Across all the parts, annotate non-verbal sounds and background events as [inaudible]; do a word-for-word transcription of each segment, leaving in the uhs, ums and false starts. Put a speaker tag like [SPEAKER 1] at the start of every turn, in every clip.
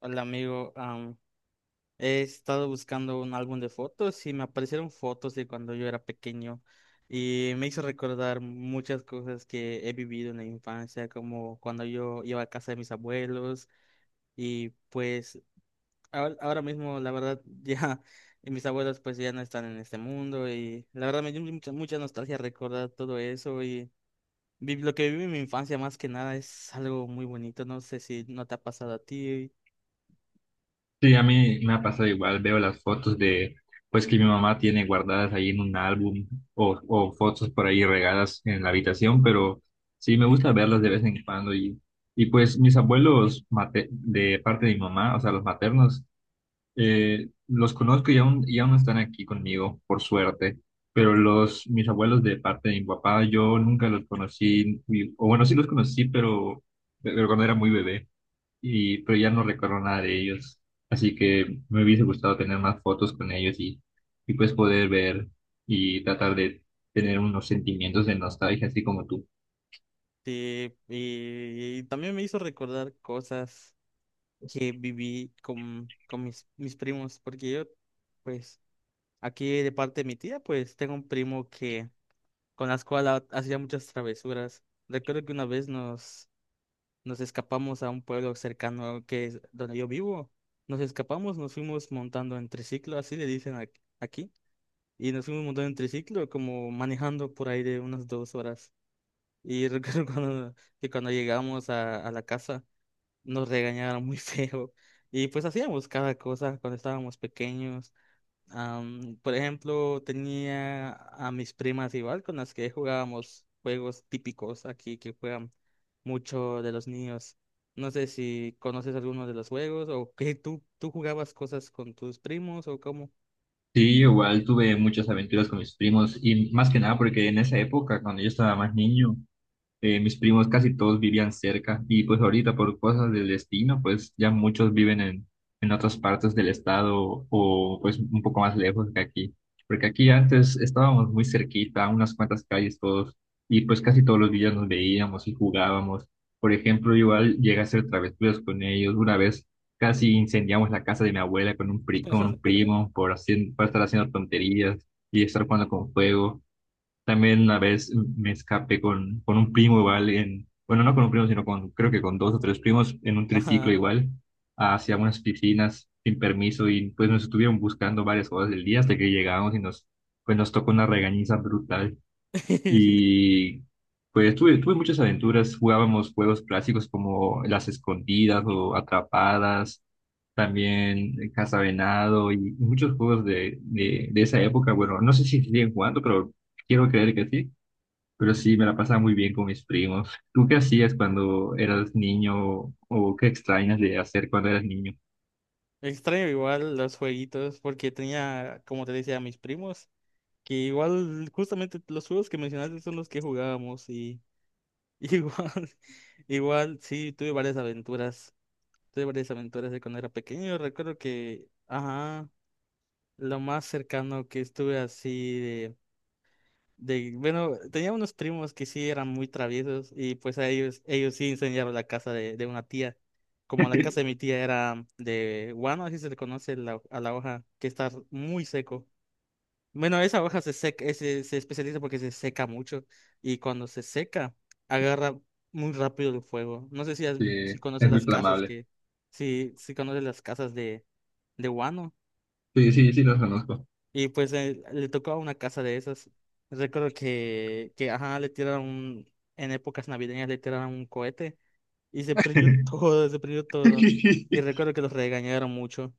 [SPEAKER 1] Hola amigo, am, he estado buscando un álbum de fotos y me aparecieron fotos de cuando yo era pequeño y me hizo recordar muchas cosas que he vivido en la infancia, como cuando yo iba a casa de mis abuelos y pues ahora, ahora mismo la verdad [laughs] ya mis abuelos pues ya no están en este mundo y la verdad me dio mucha, mucha nostalgia recordar todo eso y vi- lo que viví en mi infancia más que nada es algo muy bonito, no sé si no te ha pasado a ti.
[SPEAKER 2] Sí, a mí me ha pasado igual, veo las fotos de, pues que mi mamá tiene guardadas ahí en un álbum o, o fotos por ahí regadas en la habitación, pero sí me gusta verlas de vez en cuando y, y pues mis abuelos mate- de parte de mi mamá, o sea, los maternos, eh, los conozco y aún, y aún están aquí conmigo, por suerte, pero los, mis abuelos de parte de mi papá, yo nunca los conocí, ni- o bueno, sí los conocí, pero, pero cuando era muy bebé y pero ya no recuerdo nada de ellos. Así que me hubiese gustado tener más fotos con ellos y, y pues poder ver y tratar de tener unos sentimientos de nostalgia, así como tú.
[SPEAKER 1] Sí, y y también me hizo recordar cosas que viví con, con mis, mis primos, porque yo, pues, aquí de parte de mi tía, pues, tengo un primo que, con las cual hacía muchas travesuras. Recuerdo que una vez nos, nos escapamos a un pueblo cercano que es donde yo vivo. Nos escapamos, nos fuimos montando en triciclo, así le dicen ac- aquí, y nos fuimos montando en triciclo, como manejando por ahí de unas dos horas. Y recuerdo [laughs] cuando, que cuando llegamos a a la casa, nos regañaron muy [laughs] feo. Y pues hacíamos cada cosa cuando estábamos pequeños. Am, por ejemplo, tenía a mis primas igual con las que jugábamos juegos típicos aquí que juegan mucho de los niños. No sé si conoces alguno de los juegos o que tú, tú jugabas cosas con tus primos o cómo.
[SPEAKER 2] Sí, igual tuve muchas aventuras con mis primos y más que nada porque en esa época, cuando yo estaba más niño, Eh, mis primos casi todos vivían cerca y pues ahorita por cosas del destino, pues ya muchos viven en, en otras partes del estado o pues un poco más lejos que aquí. Porque aquí antes estábamos muy cerquita, a unas cuantas calles todos, y pues casi todos los días nos veíamos y jugábamos. Por ejemplo, igual llegué a hacer travesuras con ellos. Una vez casi incendiamos la casa de mi abuela con un, pri- con un primo por, hacer, por estar haciendo tonterías y estar jugando con fuego. También una vez me escapé con, con un primo igual en, bueno, no con un primo, sino con, creo que con dos o tres primos en un triciclo
[SPEAKER 1] Ajá.
[SPEAKER 2] igual, hacia unas piscinas sin permiso y pues nos estuvieron buscando varias horas del día hasta que llegamos y nos, pues nos tocó una regañiza brutal.
[SPEAKER 1] [laughs]
[SPEAKER 2] Y pues tuve, tuve muchas aventuras, jugábamos juegos clásicos como las escondidas o atrapadas, también eh, cazavenado y muchos juegos de, de, de esa época. Bueno, no sé si siguen jugando, pero quiero creer que sí. Pero sí, me la pasaba muy bien con mis primos. ¿Tú qué hacías cuando eras niño o qué extrañas de hacer cuando eras niño?
[SPEAKER 1] Extraño igual los jueguitos porque tenía, como te decía, a mis primos que igual justamente los juegos que mencionaste son los que jugábamos. [laughs] Igual, igual, sí, tuve varias aventuras. Tuve varias aventuras de cuando era pequeño. Recuerdo que, ajá, lo más cercano que estuve así de, de, bueno, tenía unos primos que sí eran muy traviesos y pues a ellos, ellos sí incendiaron la casa de, de una tía. Como la casa de mi tía era de guano, así se le conoce la- a la hoja, que está muy seco. Bueno, esa hoja se seca, eh, se, se especializa porque se seca mucho y cuando se seca agarra muy rápido el fuego. No sé si, has-
[SPEAKER 2] Sí,
[SPEAKER 1] si conoces
[SPEAKER 2] es muy
[SPEAKER 1] las casas
[SPEAKER 2] flamable.
[SPEAKER 1] que, si, si conoces las casas de, de Wano
[SPEAKER 2] Sí, sí, sí, los conozco.
[SPEAKER 1] y pues eh, le tocó a una casa de esas. Recuerdo que, que ajá, le tiraron un- en épocas navideñas le tiraron un cohete y se prendió [laughs]
[SPEAKER 2] [laughs]
[SPEAKER 1] todo, se prendió todo. Y recuerdo que los regañaron mucho.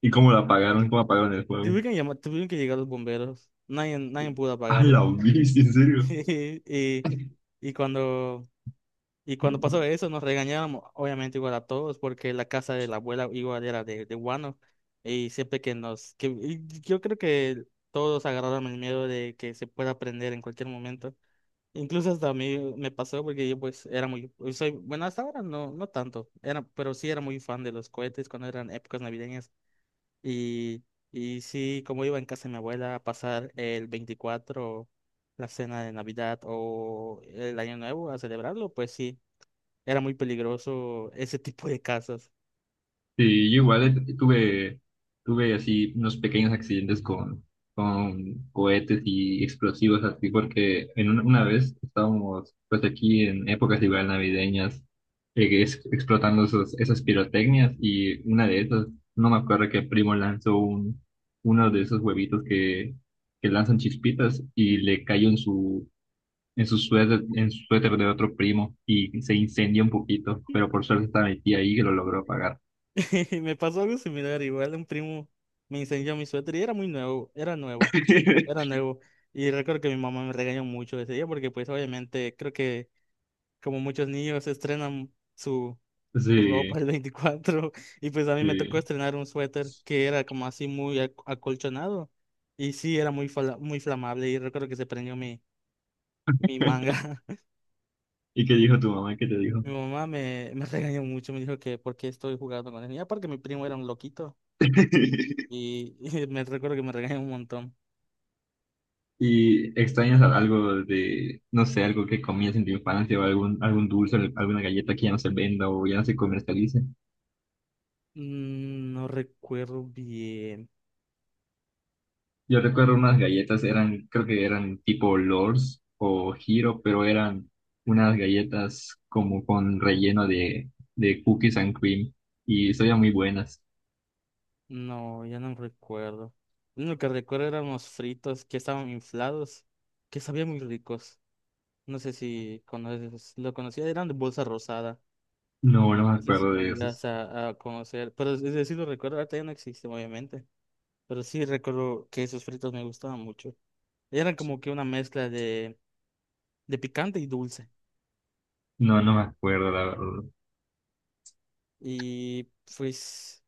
[SPEAKER 2] ¿Y cómo la apagaron? ¿Cómo apagaron el juego?
[SPEAKER 1] Tuvieron que llamar, tuvieron que llegar los bomberos. Nadie, nadie pudo
[SPEAKER 2] [laughs] A
[SPEAKER 1] apagarlo.
[SPEAKER 2] la bici, en
[SPEAKER 1] [laughs]
[SPEAKER 2] serio.
[SPEAKER 1] Y, y cuando, y cuando pasó eso, nos regañábamos, obviamente igual a todos, porque la casa de la abuela igual era de, de guano. Y siempre que nos, que y yo creo que todos agarraron el miedo de que se pueda prender en cualquier momento. Incluso hasta a mí me pasó porque yo pues era muy, soy, bueno, hasta ahora no, no tanto, era, pero sí era muy fan de los cohetes cuando eran épocas navideñas. Y, y sí, como iba en casa de mi abuela a pasar el veinticuatro, la cena de Navidad o el Año Nuevo a celebrarlo, pues sí, era muy peligroso ese tipo de casas.
[SPEAKER 2] Sí, yo igual eh, tuve, tuve así unos pequeños accidentes con, con cohetes y explosivos así, porque en una, una vez estábamos pues aquí en épocas igual navideñas, eh, es- explotando esos, esas pirotecnias y una de esas, no me acuerdo que primo lanzó un, uno de esos huevitos que, que lanzan chispitas y le cayó en su, en su suéter, en su suéter de otro primo y se incendió un poquito, pero por suerte estaba mi tía ahí que lo logró apagar.
[SPEAKER 1] [laughs] Y me pasó algo similar, igual un primo me incendió mi suéter y era muy nuevo, era nuevo, era
[SPEAKER 2] [laughs]
[SPEAKER 1] nuevo. Y recuerdo que mi mamá me regañó mucho ese día porque pues obviamente creo que como muchos niños estrenan su tu ropa
[SPEAKER 2] Sí,
[SPEAKER 1] el veinticuatro [laughs] y pues a mí me tocó
[SPEAKER 2] sí.
[SPEAKER 1] estrenar un suéter que era como así muy ac- acolchonado y sí era muy fala- muy flamable y recuerdo que se prendió mi, mi manga.
[SPEAKER 2] ¿Y qué dijo tu mamá? ¿Qué te
[SPEAKER 1] [laughs]
[SPEAKER 2] dijo?
[SPEAKER 1] Mi mamá me, me regañó mucho, me dijo que por qué estoy jugando con él. Y aparte mi primo era un loquito
[SPEAKER 2] [laughs]
[SPEAKER 1] y, [laughs] y me recuerdo que me regañó un montón.
[SPEAKER 2] ¿Y extrañas algo de, no sé, algo que comías en tu infancia o algún, algún dulce, alguna galleta que ya no se venda o ya no se comercialice?
[SPEAKER 1] Mm, no recuerdo bien,
[SPEAKER 2] Yo recuerdo unas galletas, eran, creo que eran tipo Lors o Giro, pero eran unas galletas como con relleno de, de cookies and cream y sabían muy buenas.
[SPEAKER 1] no, ya no recuerdo. Lo único que recuerdo eran unos fritos que estaban inflados, que sabían muy ricos. No sé si conoces, lo conocía, eran de bolsa rosada.
[SPEAKER 2] No, no me
[SPEAKER 1] No sé si
[SPEAKER 2] acuerdo de
[SPEAKER 1] llegas
[SPEAKER 2] esos.
[SPEAKER 1] a, a conocer, pero es decir, lo recuerdo, ahorita ya no existen, obviamente. Pero sí recuerdo que esos fritos me gustaban mucho. Eran como que una mezcla de, de picante y dulce.
[SPEAKER 2] No, no me acuerdo, la verdad.
[SPEAKER 1] Y pues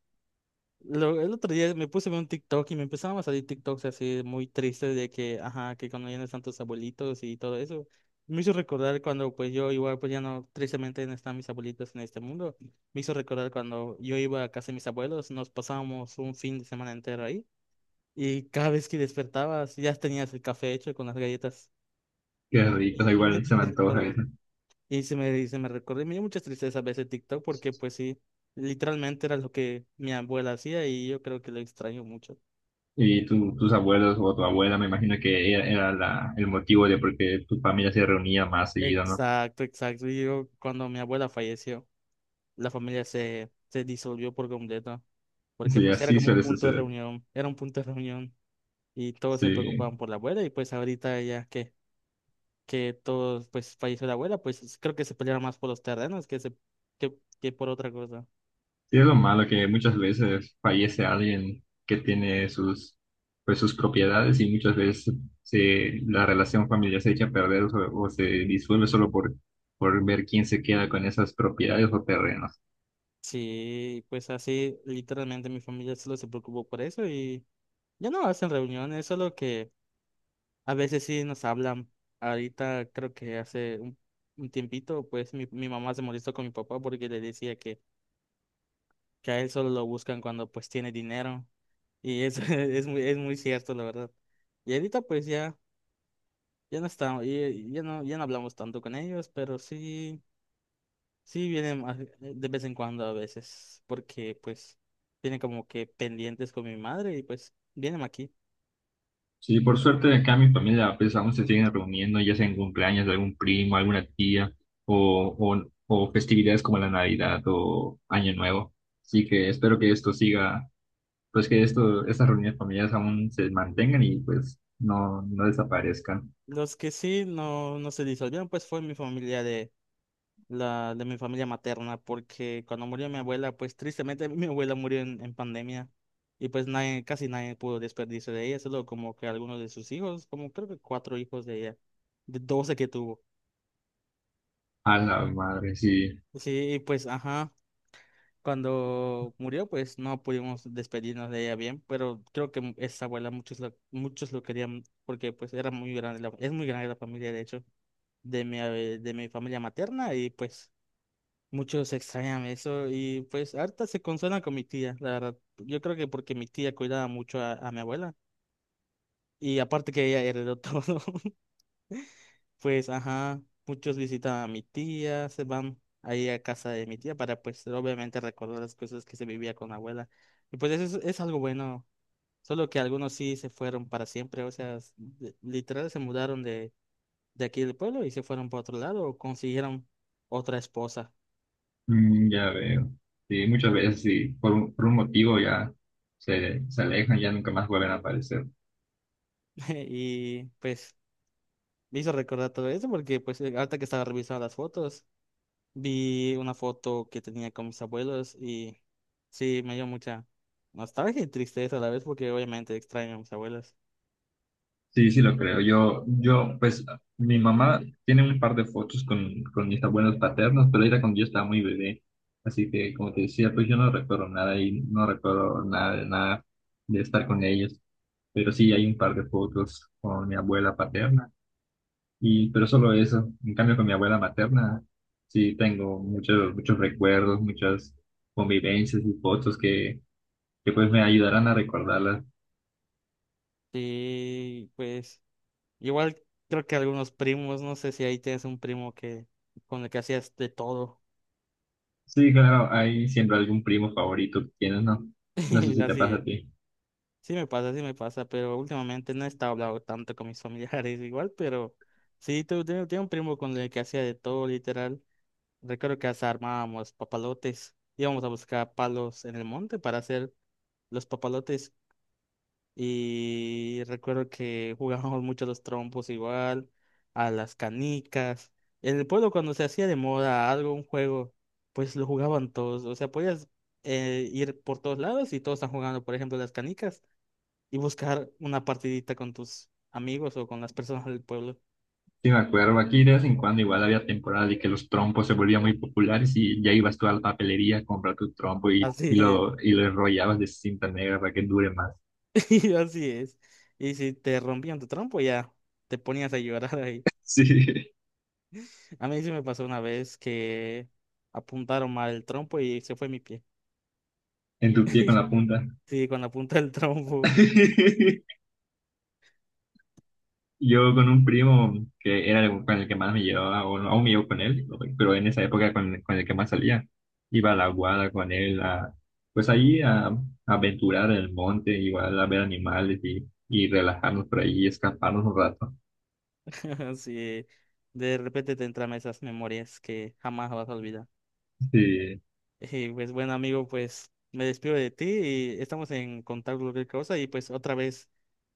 [SPEAKER 1] Lo- el otro día me puse a ver un TikTok y me empezaban a salir TikToks así muy tristes de que, ajá, que cuando ya no están tus abuelitos y todo eso. Me hizo recordar cuando pues yo igual pues ya no, tristemente no están mis abuelitos en este mundo. Me hizo recordar cuando yo iba a casa de mis abuelos, nos pasábamos un fin de semana entero ahí y cada vez que despertabas ya tenías el café hecho con las galletas.
[SPEAKER 2] Qué
[SPEAKER 1] Y,
[SPEAKER 2] ricas,
[SPEAKER 1] y me,
[SPEAKER 2] igual
[SPEAKER 1] y
[SPEAKER 2] se me
[SPEAKER 1] me
[SPEAKER 2] antoja
[SPEAKER 1] recordó,
[SPEAKER 2] eso.
[SPEAKER 1] y se me, y se me recordó y me dio mucha tristeza ver ese TikTok porque pues sí, literalmente era lo que mi abuela hacía y yo creo que lo extraño mucho.
[SPEAKER 2] Y tu- tus abuelos o tu abuela, me imagino que era, era la, el motivo de por qué tu familia se reunía más seguido, ¿no?
[SPEAKER 1] Exacto, exacto. Y yo, cuando mi abuela falleció, la familia se, se disolvió por completo, porque
[SPEAKER 2] Sí,
[SPEAKER 1] pues era
[SPEAKER 2] así
[SPEAKER 1] como un
[SPEAKER 2] suele
[SPEAKER 1] punto de
[SPEAKER 2] suceder.
[SPEAKER 1] reunión, era un punto de reunión y todos se
[SPEAKER 2] Sí.
[SPEAKER 1] preocupaban por la abuela y pues ahorita ya que, que todos, pues falleció la abuela, pues es- creo que se pelearon más por los terrenos que, se, que, que por otra cosa.
[SPEAKER 2] Sí, es lo malo que muchas veces fallece alguien que tiene sus, pues, sus propiedades y muchas veces se, la relación familiar se echa a perder o, o se disuelve solo por, por ver quién se queda con esas propiedades o terrenos.
[SPEAKER 1] Sí, pues así literalmente mi familia solo se preocupó por eso y ya no hacen reuniones, solo que... A veces sí nos hablan. Ahorita creo que hace un, un tiempito, pues mi, mi mamá se molestó con mi papá porque le decía que, que a él solo lo buscan cuando pues tiene dinero. Y eso [laughs] es muy, es muy cierto, la verdad. Y ahorita pues ya, ya no estamos, y- ya no, ya no hablamos tanto con ellos, pero sí, sí vienen a- de vez en cuando a veces, porque pues tienen como que pendientes con mi madre y pues vienen aquí.
[SPEAKER 2] Sí, por suerte acá mi familia pues aún se siguen reuniendo, ya sea en cumpleaños de algún primo, alguna tía o, o, o festividades como la Navidad o Año Nuevo. Así que espero que esto siga pues que esto, estas reuniones familiares aún se mantengan y pues no, no desaparezcan.
[SPEAKER 1] Los que sí no, no se disolvieron, pues fue mi familia la de mi familia materna, porque cuando murió mi abuela, pues tristemente [laughs] mi abuela murió en, en pandemia y pues nadie, casi nadie pudo despedirse de ella, solo como que algunos de sus hijos, como creo que cuatro hijos de ella, de doce que tuvo.
[SPEAKER 2] A la madre, sí.
[SPEAKER 1] Sí, y pues ajá, cuando murió, pues no pudimos despedirnos de ella bien, pero creo que esa abuela muchos lo, muchos lo querían porque pues era muy grande, la- es muy grande la familia de hecho, de mi, eh, de mi familia materna y pues muchos extrañan eso y pues harta se consuela con mi tía, la verdad. Yo creo que porque mi tía cuidaba mucho a, a mi abuela y aparte que ella heredó [laughs] todo, pues ajá, muchos visitan a mi tía, se van ahí a casa de mi tía para pues obviamente recordar las cosas que se vivía con la abuela. Y pues eso es, es algo bueno, solo que algunos sí se fueron para siempre, o sea, s- de- literal se mudaron de, de aquí del pueblo y se fueron para otro lado o consiguieron otra esposa
[SPEAKER 2] Mm, ya veo. Sí, muchas veces sí, por un, por un motivo ya se, se alejan, ya nunca más vuelven a aparecer.
[SPEAKER 1] [laughs] y pues... Me hizo recordar todo eso porque pues eh, ahorita que estaba revisando las fotos, vi una foto que tenía con mis abuelos y sí, me dio mucha nostalgia y tristeza a la vez porque obviamente extraño a mis abuelos.
[SPEAKER 2] Sí, sí, lo creo. Yo, yo, pues mi mamá tiene un par de fotos con, con mis abuelos paternos, pero era cuando yo estaba muy bebé. Así que, como te decía, pues yo no recuerdo nada y no recuerdo nada, de nada de estar con ellos. Pero sí hay un par de fotos con mi abuela paterna. Y, pero solo eso. En cambio, con mi abuela materna, sí tengo muchos, muchos recuerdos, muchas convivencias y fotos que, que pues me ayudarán a recordarlas.
[SPEAKER 1] Sí, pues igual creo que algunos primos, no sé si ahí tienes un primo que con el que hacías de todo.
[SPEAKER 2] Sí, claro, hay siempre algún primo favorito que tienes, ¿no? No sé
[SPEAKER 1] [laughs]
[SPEAKER 2] si te pasa a
[SPEAKER 1] Así,
[SPEAKER 2] ti.
[SPEAKER 1] sí me pasa, sí me pasa, pero últimamente no he estado hablando tanto con mis familiares [laughs] igual, pero sí, tengo, tengo tengo un primo con el que hacía de todo literal. Recuerdo que hasta armábamos papalotes. Íbamos a buscar palos en el monte para hacer los papalotes. Y recuerdo que [laughs] jugábamos mucho a los trompos igual, a las canicas. En el pueblo cuando se hacía de moda algo, un juego, pues lo jugaban todos. O sea, podías eh, ir por todos lados y todos están jugando, por ejemplo, las canicas y buscar una partidita con tus amigos o con las personas del pueblo.
[SPEAKER 2] Sí, me acuerdo, aquí de vez en cuando igual había temporada y que los trompos se volvían muy populares y ya ibas tú a la papelería a comprar tu trompo y,
[SPEAKER 1] Así
[SPEAKER 2] y
[SPEAKER 1] [laughs]
[SPEAKER 2] lo, y lo enrollabas de cinta negra para que dure más.
[SPEAKER 1] [laughs] sí, así es. Y si te rompían tu trompo, ya te ponías a llorar ahí.
[SPEAKER 2] Sí, [laughs]
[SPEAKER 1] A mí sí me pasó una vez que apuntaron mal el trompo y se fue mi pie.
[SPEAKER 2] en tu pie con la punta.
[SPEAKER 1] Sí, cuando apunta el trompo,
[SPEAKER 2] [laughs] Yo con un primo que era el- con el que más me llevaba, o no, aún me llevo con él, pero en esa época con, con el que más salía, iba a la guada con él, a, pues ahí a, a aventurar en el monte, igual a ver animales y, y relajarnos por ahí y escaparnos un rato.
[SPEAKER 1] [laughs] sí, de repente te entran esas memorias que jamás vas a olvidar.
[SPEAKER 2] Sí.
[SPEAKER 1] Y pues bueno, amigo, pues me despido de ti y estamos en contacto cualquier cosa y pues otra vez,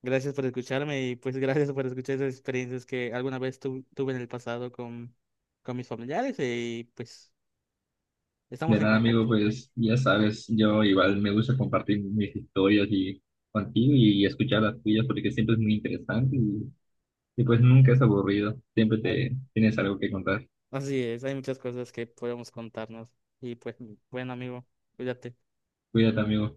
[SPEAKER 1] gracias por escucharme y pues [laughs] gracias por escuchar esas experiencias que alguna vez tu- tuve en el pasado con, con mis familiares y pues... Estamos
[SPEAKER 2] De
[SPEAKER 1] en
[SPEAKER 2] nada, amigo,
[SPEAKER 1] contacto.
[SPEAKER 2] pues ya sabes, yo igual me gusta compartir mis historias y contigo y escuchar las tuyas porque siempre es muy interesante y, y pues nunca es aburrido, siempre
[SPEAKER 1] Ah,
[SPEAKER 2] te tienes algo que contar.
[SPEAKER 1] así es, hay muchas cosas que podemos contarnos. Y pues, buen amigo, cuídate.
[SPEAKER 2] Cuídate, amigo.